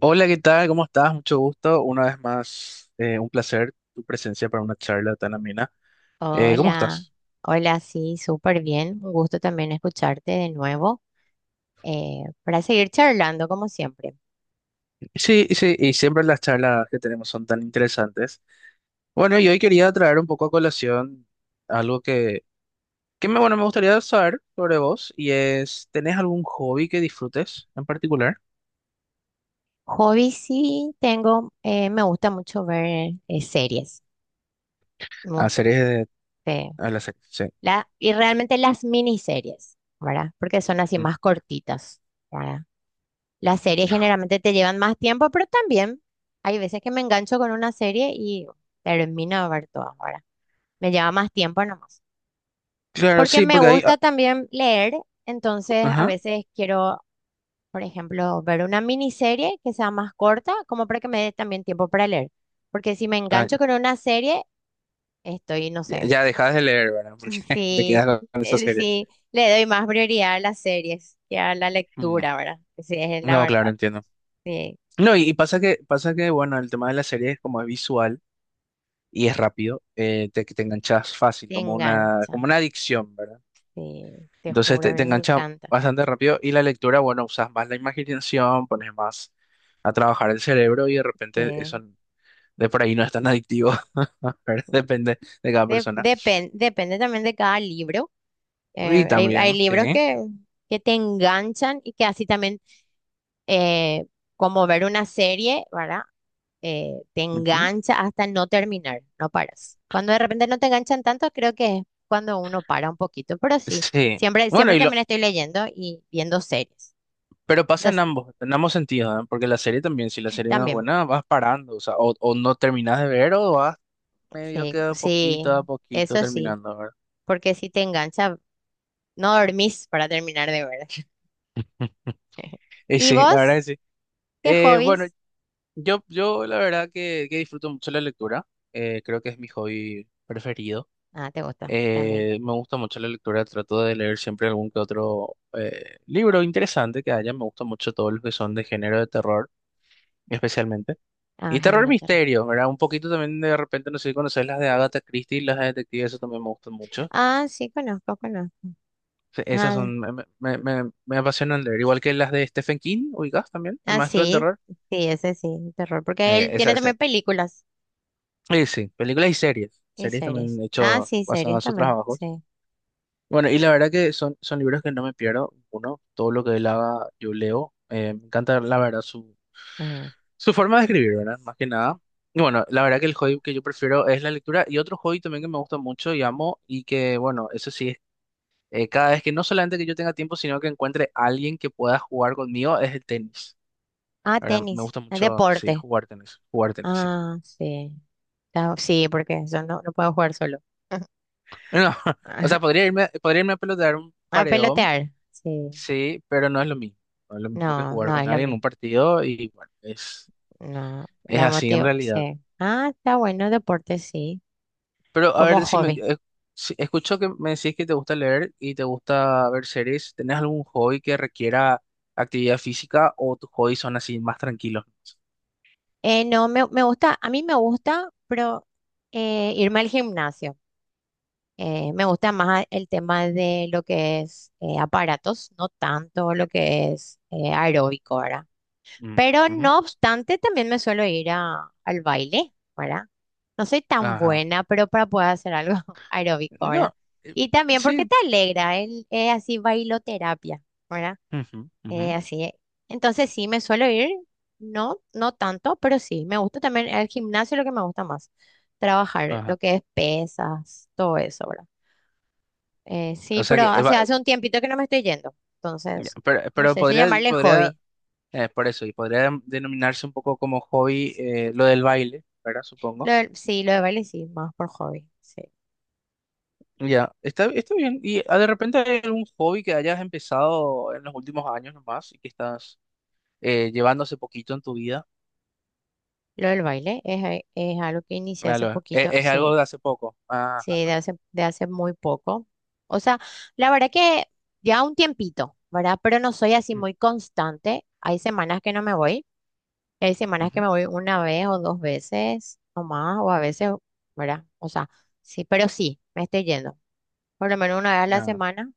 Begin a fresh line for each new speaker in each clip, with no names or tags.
Hola, ¿qué tal? ¿Cómo estás? Mucho gusto. Una vez más, un placer tu presencia para una charla tan amena. ¿Cómo
Hola,
estás?
hola, sí, súper bien. Un gusto también escucharte de nuevo para seguir charlando como siempre.
Sí, y sí, y siempre las charlas que tenemos son tan interesantes. Bueno, y hoy quería traer un poco a colación algo que me, bueno, me gustaría saber sobre vos y es, ¿tenés algún hobby que disfrutes en particular?
Hobby sí tengo, me gusta mucho ver series mu-
A series de...
eh,
A la serie, sí.
y realmente las miniseries, ¿verdad? Porque son así
Ujú.
más cortitas, ¿verdad? Las series generalmente te llevan más tiempo, pero también hay veces que me engancho con una serie y termino de ver todas, ¿verdad? Me lleva más tiempo nomás.
Claro,
Porque
sí,
me
porque ahí... ah,
gusta también leer, entonces a
ajá.
veces quiero, por ejemplo, ver una miniserie que sea más corta, como para que me dé también tiempo para leer. Porque si me
Ah,
engancho con una serie, estoy, no
ya,
sé,
ya dejas de leer, ¿verdad? Porque te
sí,
quedas con esa serie.
si le doy más prioridad a las series que a la
Mm.
lectura, ¿verdad? Sí, es la
No, claro,
verdad,
entiendo.
sí,
No, y pasa que, bueno, el tema de la serie es como es visual y es rápido, te, te enganchas fácil,
te engancha,
como una adicción, ¿verdad?
sí, te
Entonces
juro, a
te
mí me
engancha
encanta.
bastante rápido y la lectura, bueno, usas más la imaginación, pones más a trabajar el cerebro y de repente eso
Sí.
de por ahí no es tan adictivo, ¿verdad? Depende de cada persona.
Depende también de cada libro.
Y
Hay
también, sí.
libros que te enganchan y que así también, eh, como ver una serie, ¿verdad? Te
Ujú.
engancha hasta no terminar, no paras. Cuando de repente no te enganchan tanto, creo que es cuando uno para un poquito, pero sí,
Sí.
siempre,
Bueno,
siempre
y lo,
también estoy leyendo y viendo series.
pero pasa
Entonces,
en ambos sentidos, ¿eh? Porque la serie también, si la serie no es
también,
buena, vas parando, o sea, o no terminas de ver o vas medio
sí,
quedo
sí,
poquito a poquito
eso sí,
terminando, ¿verdad?
porque si te engancha, no dormís para terminar de ver.
Y
¿Y
sí, la verdad que
vos?
sí.
¿Qué
Bueno,
hobbies?
yo la verdad que disfruto mucho la lectura. Creo que es mi hobby preferido.
Ah, te gusta también.
Me gusta mucho la lectura. Trato de leer siempre algún que otro libro interesante que haya. Me gusta mucho todos los que son de género de terror, especialmente.
Ah,
Y terror
género de terror.
misterio, ¿verdad? Un poquito también de repente, no sé si conoces las de Agatha Christie, las de detectives, eso también me gustan mucho.
Ah, sí, conozco, conozco.
Sí, Esas
Ah,
son, me apasionan leer, igual que las de Stephen King, ubicás también, el
ah,
Maestro del
sí,
Terror.
sí, ese sí, terror. Porque
Eh,
él
esa,
tiene
esa.
también películas
Sí, sí, películas y series.
y
Series también
series.
he
Ah,
hecho
sí,
basadas
series
en sus
también,
trabajos.
sí.
Bueno, y la verdad que son, son libros que no me pierdo. Uno, todo lo que él haga, yo leo. Me encanta, la verdad,
Ah,
su forma de escribir, ¿verdad? Más que nada. Y bueno, la verdad que el hobby que yo prefiero es la lectura y otro hobby también que me gusta mucho y amo y que, bueno, eso sí cada vez que no solamente que yo tenga tiempo, sino que encuentre alguien que pueda jugar conmigo, es el tenis.
ah,
Ahora, me
tenis,
gusta
ah,
mucho, sí,
deporte.
jugar tenis, sí.
Ah, sí. Ah, sí, porque eso no, no puedo jugar solo.
No, o sea, podría irme a pelotear un
A
paredón,
pelotear. Sí.
sí, pero no es lo mismo. No es lo mismo que
No,
jugar
no es
con
lo
alguien en un
mismo.
partido y bueno,
No,
es
la
así en
motivo,
realidad.
sí. Ah, está bueno, deporte, sí.
Pero a ver,
Como
decime,
hobby.
yo, escucho que me decís que te gusta leer y te gusta ver series. ¿Tenés algún hobby que requiera actividad física o tus hobbies son así más tranquilos?
No, me, me gusta, a mí me gusta, pero irme al gimnasio. Me gusta más el tema de lo que es aparatos, no tanto lo que es aeróbico, ¿verdad?
Mm,
Pero
ujú.
no obstante, también me suelo ir al baile, ¿verdad? No soy tan
Ajá.
buena, pero para poder hacer algo aeróbico, ¿verdad?
No, eh,
Y también
sí.
porque te alegra, el, es así bailoterapia, ¿verdad?
Ujú, ujú,
Así, es. Entonces sí, me suelo ir, no, no tanto, pero sí, me gusta también el gimnasio, es lo que me gusta más, trabajar, lo
ajá.
que es pesas, todo eso, ¿verdad?
O
Sí,
sea
pero
que,
hace, hace un tiempito que no me estoy yendo,
ya,
entonces, no
pero
sé si
podría,
llamarle
podría,
hobby.
y podría denominarse un poco como hobby lo del baile, ¿verdad? Supongo.
Sí, lo del baile sí, más por hobby, sí.
Ya, está, está bien. ¿Y ah, de repente hay algún hobby que hayas empezado en los últimos años nomás y que estás llevando hace poquito en tu vida?
Lo del baile es, es algo que inicié hace
Claro,
poquito,
es algo
sí.
de hace poco.
Sí,
Ajá.
de hace muy poco. O sea, la verdad que ya un tiempito, ¿verdad? Pero no soy así
Mm,
muy constante. Hay semanas que no me voy. Hay semanas que
ujú.
me voy una vez o dos veces o más, o a veces, ¿verdad? O sea, sí, pero sí, me estoy yendo. Por lo menos una vez a la
Ah,
semana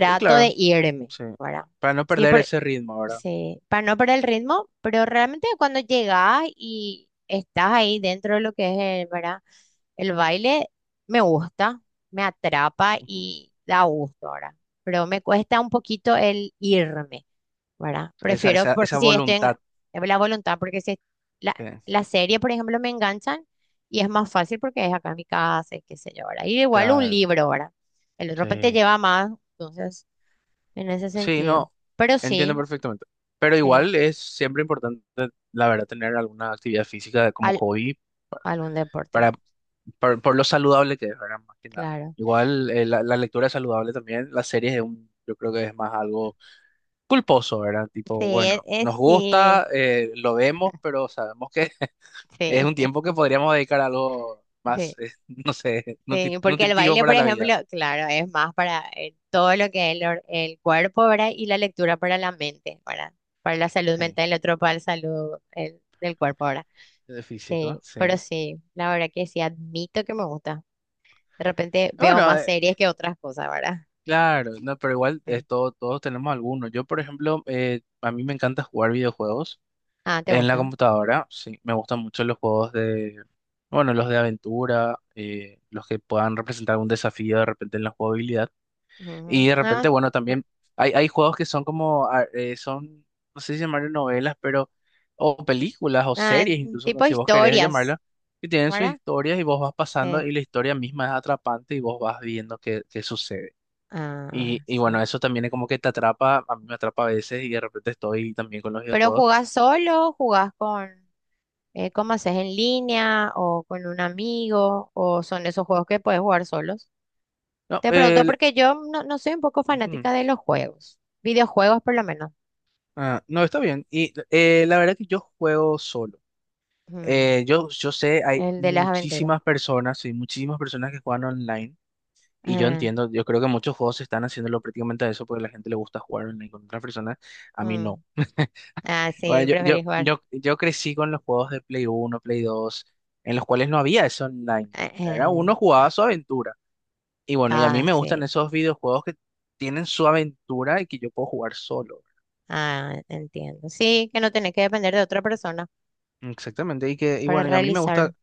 de
claro,
irme,
sí.
¿verdad?
Para no
Sí,
perder
por.
ese ritmo, ¿verdad?
Sí, para no perder el ritmo, pero realmente cuando llegas y estás ahí dentro de lo que es el, ¿verdad? El baile me gusta, me atrapa
Ujú.
y da gusto ahora, pero me cuesta un poquito el irme, ¿verdad?
Esa,
Prefiero,
esa,
porque
esa
si estoy en
voluntad.
en la voluntad, porque si la,
Que-
la serie, por ejemplo, me enganchan y es más fácil porque es acá en mi casa y qué sé yo, ¿verdad? Y igual un
claro.
libro, ¿verdad? El otro te
Sí,
lleva más, entonces, en ese
sí,
sentido.
no,
Pero
entiendo
sí,
perfectamente. Pero
sí.
igual es siempre importante, la verdad, tener alguna actividad física como
Al-
hobby
Algún deporte,
para, por lo saludable que es, ¿verdad? Más que nada.
claro.
Igual la, la lectura es saludable también, las series es un, yo creo que es más algo culposo, ¿verdad?
Sí,
Tipo,
es,
bueno, nos
sí,
gusta, lo vemos, pero sabemos que es
sí,
un tiempo que podríamos dedicar a algo más,
sí,
no sé,
sí, porque el
nutritivo
baile, por
para la
ejemplo,
vida.
claro, es más para todo lo que es el, el cuerpo, ¿verdad? Y la lectura para la mente, ¿verdad? Para la salud
Sí,
mental, el otro para la salud del cuerpo, ¿verdad?
de físico,
Sí, pero
sí.
sí, la verdad que sí, admito que me gusta. De repente veo
Bueno,
más series que otras cosas, ¿verdad?
claro, no, pero igual
Sí.
es todos tenemos algunos. Yo, por ejemplo, a mí me encanta jugar videojuegos
Ah, ¿te
en la
gusta?
computadora. Sí, me gustan mucho los juegos de, bueno, los de aventura, los que puedan representar un desafío de repente en la jugabilidad.
Ujú.
Y de
Ah,
repente, bueno,
pr-
también hay juegos que son como, ah, son, no sé si llamarlo novelas, pero, o películas, o
ah,
series, incluso
tipo
si vos querés
historias,
llamarlo, que tienen sus
¿verdad?
historias y vos vas pasando
Sí.
y la historia misma es atrapante y vos vas viendo qué, qué sucede.
Ah,
Y
sí.
bueno, eso también es como que te atrapa, a mí me atrapa a veces y de repente estoy también con los
¿Pero
videojuegos.
jugás solo? ¿Jugás con, cómo haces en línea o con un amigo? ¿O son esos juegos que puedes jugar solos?
No,
Te pregunto porque yo no, no soy un poco
ujú,
fanática de los juegos, videojuegos por lo menos.
ah, no está bien. Y la verdad que yo juego solo.
Mm,
Yo, yo sé, hay
el de las aventuras.
muchísimas personas, sí, muchísimas personas que juegan online y yo
Ah,
entiendo, yo creo que muchos juegos están haciéndolo prácticamente a eso porque a la gente le gusta jugar online con otras personas, a mí
mm.
no.
Ah,
Bueno,
sí,
yo,
preferís
yo,
jugar.
yo, yo crecí con los juegos de Play 1 Play 2 en los cuales no había eso online.
Eh,
Era
eh,
uno jugaba su aventura. Y bueno, y a mí me gustan
casi.
esos videojuegos que tienen su aventura y que yo puedo jugar solo.
Ah, entiendo. Sí, que no tenés que depender de otra persona
Exactamente. Y que, y
para
bueno, y a mí me gusta,
realizar.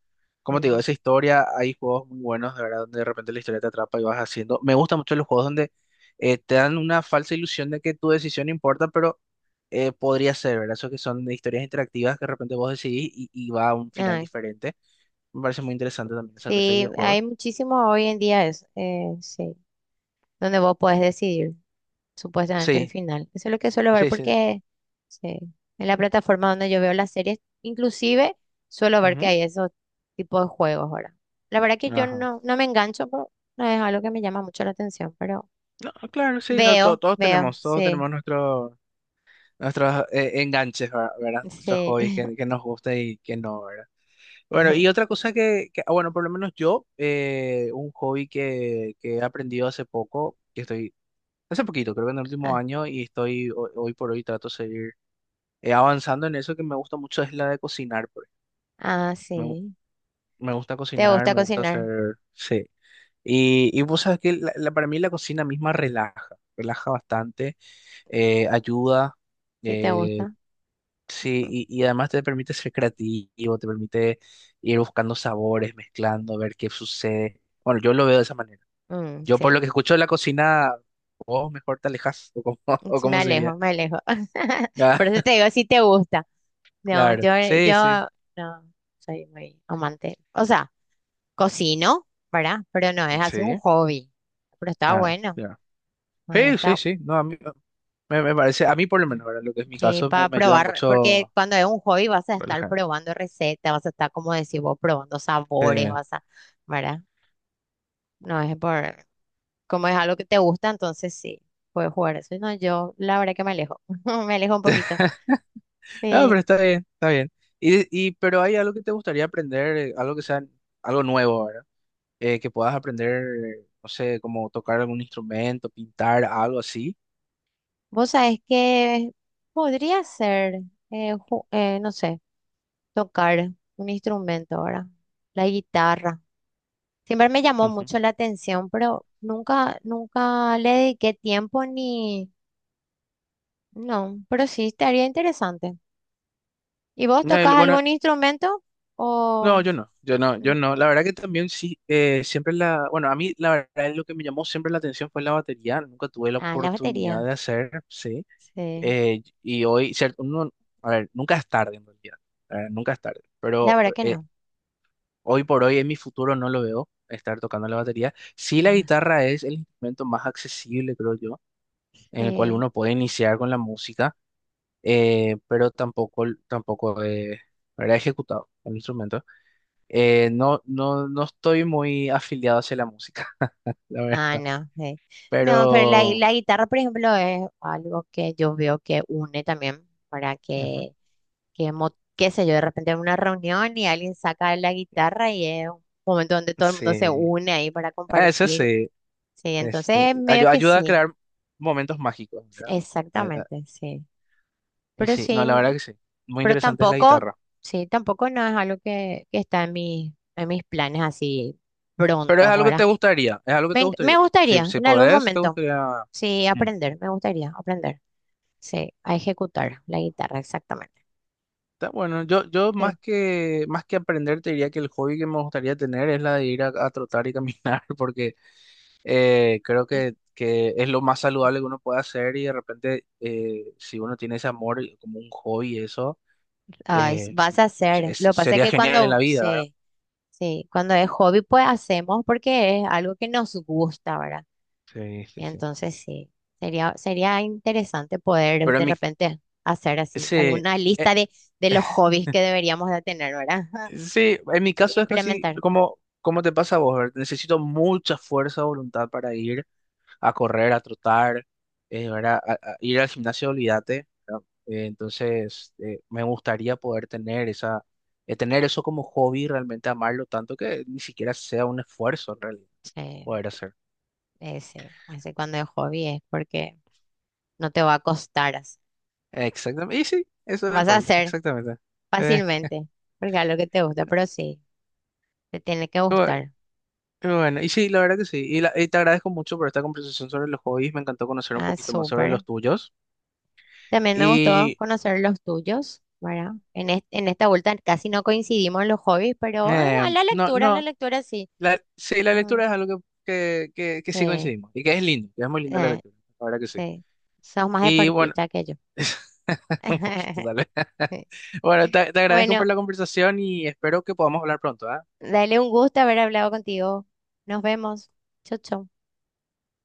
como te digo,
Ujú.
esa historia. Hay juegos muy buenos, de verdad, donde de repente la historia te atrapa y vas haciendo. Me gustan mucho los juegos donde te dan una falsa ilusión de que tu decisión importa, pero podría ser, ¿verdad? Eso que son de historias interactivas que de repente vos decidís y va a un final
Ah,
diferente. Me parece muy interesante también esa clase de
sí, hay
videojuegos.
muchísimo hoy en día eso. Sí, donde vos podés decidir. Supuestamente el
Sí,
final. Eso es lo que suelo ver
sí, sí.
porque sí, en la plataforma donde yo veo las series, inclusive suelo ver que
Ujú.
hay esos tipos de juegos ahora. La verdad que yo
Ajá.
no, no me engancho, pero no es algo que me llama mucho la atención, pero
No, claro, sí, no,
veo, veo,
todos
sí,
tenemos nuestro nuestros enganches, ¿verdad? Nuestros
sí.
hobbies que nos gusta y que no, ¿verdad? Bueno, y otra cosa que, ah, bueno, por lo menos yo, un hobby que he aprendido hace poco, que estoy, hace poquito, creo que en el último
Ah,
año, y estoy, hoy, por hoy trato de seguir avanzando en eso que me gusta mucho, es la de cocinar, por ejemplo.
ah,
Me, gu-
sí.
me gusta
¿Te
cocinar,
gusta
me gusta
cocinar?
hacer, sí. Y vos sabés que para mí la cocina misma relaja, relaja bastante, ayuda.
Sí, te
Eh,
gusta.
sí, y además te permite ser creativo, te permite ir buscando sabores, mezclando, ver qué sucede. Bueno, yo lo veo de esa manera.
Mm,
Yo por lo
sí,
que escucho de la cocina, vos mejor te alejas, o cómo, o
Me
cómo
alejo,
sería.
me alejo.
Ah,
Por eso te digo si te gusta. No,
claro,
yo
sí, sí,
no soy muy amante. O sea, cocino, ¿verdad? Pero no es así un
sí,
hobby. Pero está
ah,
bueno.
ya.
Ah,
Sí, sí,
está,
sí, no, a mí me, me parece, a mí por lo menos, ¿verdad? Lo que es mi
sí,
caso, me,
para
me ayuda
probar, porque
mucho
cuando es un hobby vas a estar
relajarme.
probando recetas, vas a estar, como decís vos, probando sabores,
Eh,
vas a, ¿verdad? No es por, como es algo que te gusta, entonces sí, puedes jugar eso. Y no, yo la verdad que me alejo, me alejo un poquito.
ah,
Eh,
pero está bien, está bien. Y, pero hay algo que te gustaría aprender, algo que sea algo nuevo, que puedas aprender, no sé, como tocar algún instrumento, pintar, algo así.
vos sabés que podría ser, no sé, tocar un instrumento ahora, la guitarra. Siempre me llamó
Ujú.
mucho la atención, pero nunca, nunca le dediqué tiempo ni... No, pero sí estaría interesante. ¿Y vos
No,
tocas
bueno,
algún instrumento
no,
o
yo no, yo no, yo
no?
no. La verdad que también sí, siempre la, bueno, a mí la verdad es lo que me llamó siempre la atención fue la batería. Nunca tuve la
Ah, la
oportunidad
batería.
de hacer, sí.
Sí.
Y hoy, cierto, uno, a ver, nunca es tarde en realidad, nunca es tarde,
La
pero
verdad que no.
hoy por hoy en mi futuro no lo veo estar tocando la batería. Sí, la
Ajá,
guitarra es el instrumento más accesible, creo yo, en el cual
sí.
uno puede iniciar con la música pero tampoco, tampoco era ejecutado el instrumento. No, no estoy muy afiliado hacia la música, la
Ah,
verdad,
no. Sí. No, pero la,
pero
la guitarra, por ejemplo, es algo que yo veo que une también para
ujú.
que, qué sé yo, de repente en una reunión y alguien saca la guitarra y es un momento donde todo el mundo se
Sí,
une ahí para
ah, eso
compartir.
sí,
Sí,
este,
entonces medio que
ayuda a
sí,
crear momentos mágicos, ¿verdad? Ah, ah,
exactamente, sí.
y
Pero
sí, no,
sí,
la verdad que sí, muy
pero
interesante es la
tampoco,
guitarra,
sí, tampoco no es algo que está en mi, en mis planes así
pero es
prontos,
algo que
¿verdad?
te gustaría, es algo que
Me,
te
me
gustaría, si,
gustaría
si
en algún
podés, te
momento,
gustaría...
sí,
Mm,
aprender, me gustaría aprender, sí, a ejecutar la guitarra, exactamente.
está bueno, yo
Sí.
más que aprender te diría que el hobby que me gustaría tener es la de ir a trotar y caminar, porque creo
Y-
que es lo más saludable que uno puede hacer y de repente si uno tiene ese amor y como un hobby eso,
ay,
eh,
vas a hacer, lo que pasa es
sería
que
genial en la
cuando,
vida, ¿verdad?
sí, sí, cuando es hobby, pues hacemos porque es algo que nos gusta, ¿verdad?
Sí, sí, sí.
Entonces sí, sería, sería interesante poder
Pero
de
en mi,
repente hacer así
sí,
alguna
eh,
lista de los hobbies que deberíamos de tener, ¿verdad?
sí, en mi
Y
caso es casi
implementar.
como, como te pasa a vos, ¿verdad? Necesito mucha fuerza de voluntad para ir a correr, a trotar, ¿verdad? A ir al gimnasio, olvídate, ¿verdad? Entonces, me gustaría poder tener esa, tener eso como hobby, realmente amarlo tanto que ni siquiera sea un esfuerzo en realidad
Sí,
poder hacer.
ese cuando es hobby es porque no te va a costar así.
Exactamente, y sí, eso es el
Vas a
hobby,
hacer
exactamente. Eh,
fácilmente, porque es lo que te gusta, pero sí, te tiene que
bu-
gustar.
bueno, y sí, la verdad que sí. Y, y te agradezco mucho por esta conversación sobre los hobbies. Me encantó conocer un
Ah,
poquito más sobre
súper.
los tuyos.
También me gustó
Y
conocer los tuyos, ¿verdad? En, en esta vuelta casi no coincidimos en los hobbies, pero ah,
no,
a la
no.
lectura sí.
La, sí, la
Ujú.
lectura es algo que sí
Sí,
coincidimos y que es lindo, que es muy linda la
eh,
lectura, la verdad que sí.
sí, sos más
Y bueno,
deportista que yo.
un poquito tal vez. Bueno, te agradezco
Bueno,
por la conversación y espero que podamos hablar pronto, ¿ah?
dale un gusto haber hablado contigo. Nos vemos. Chau, chau.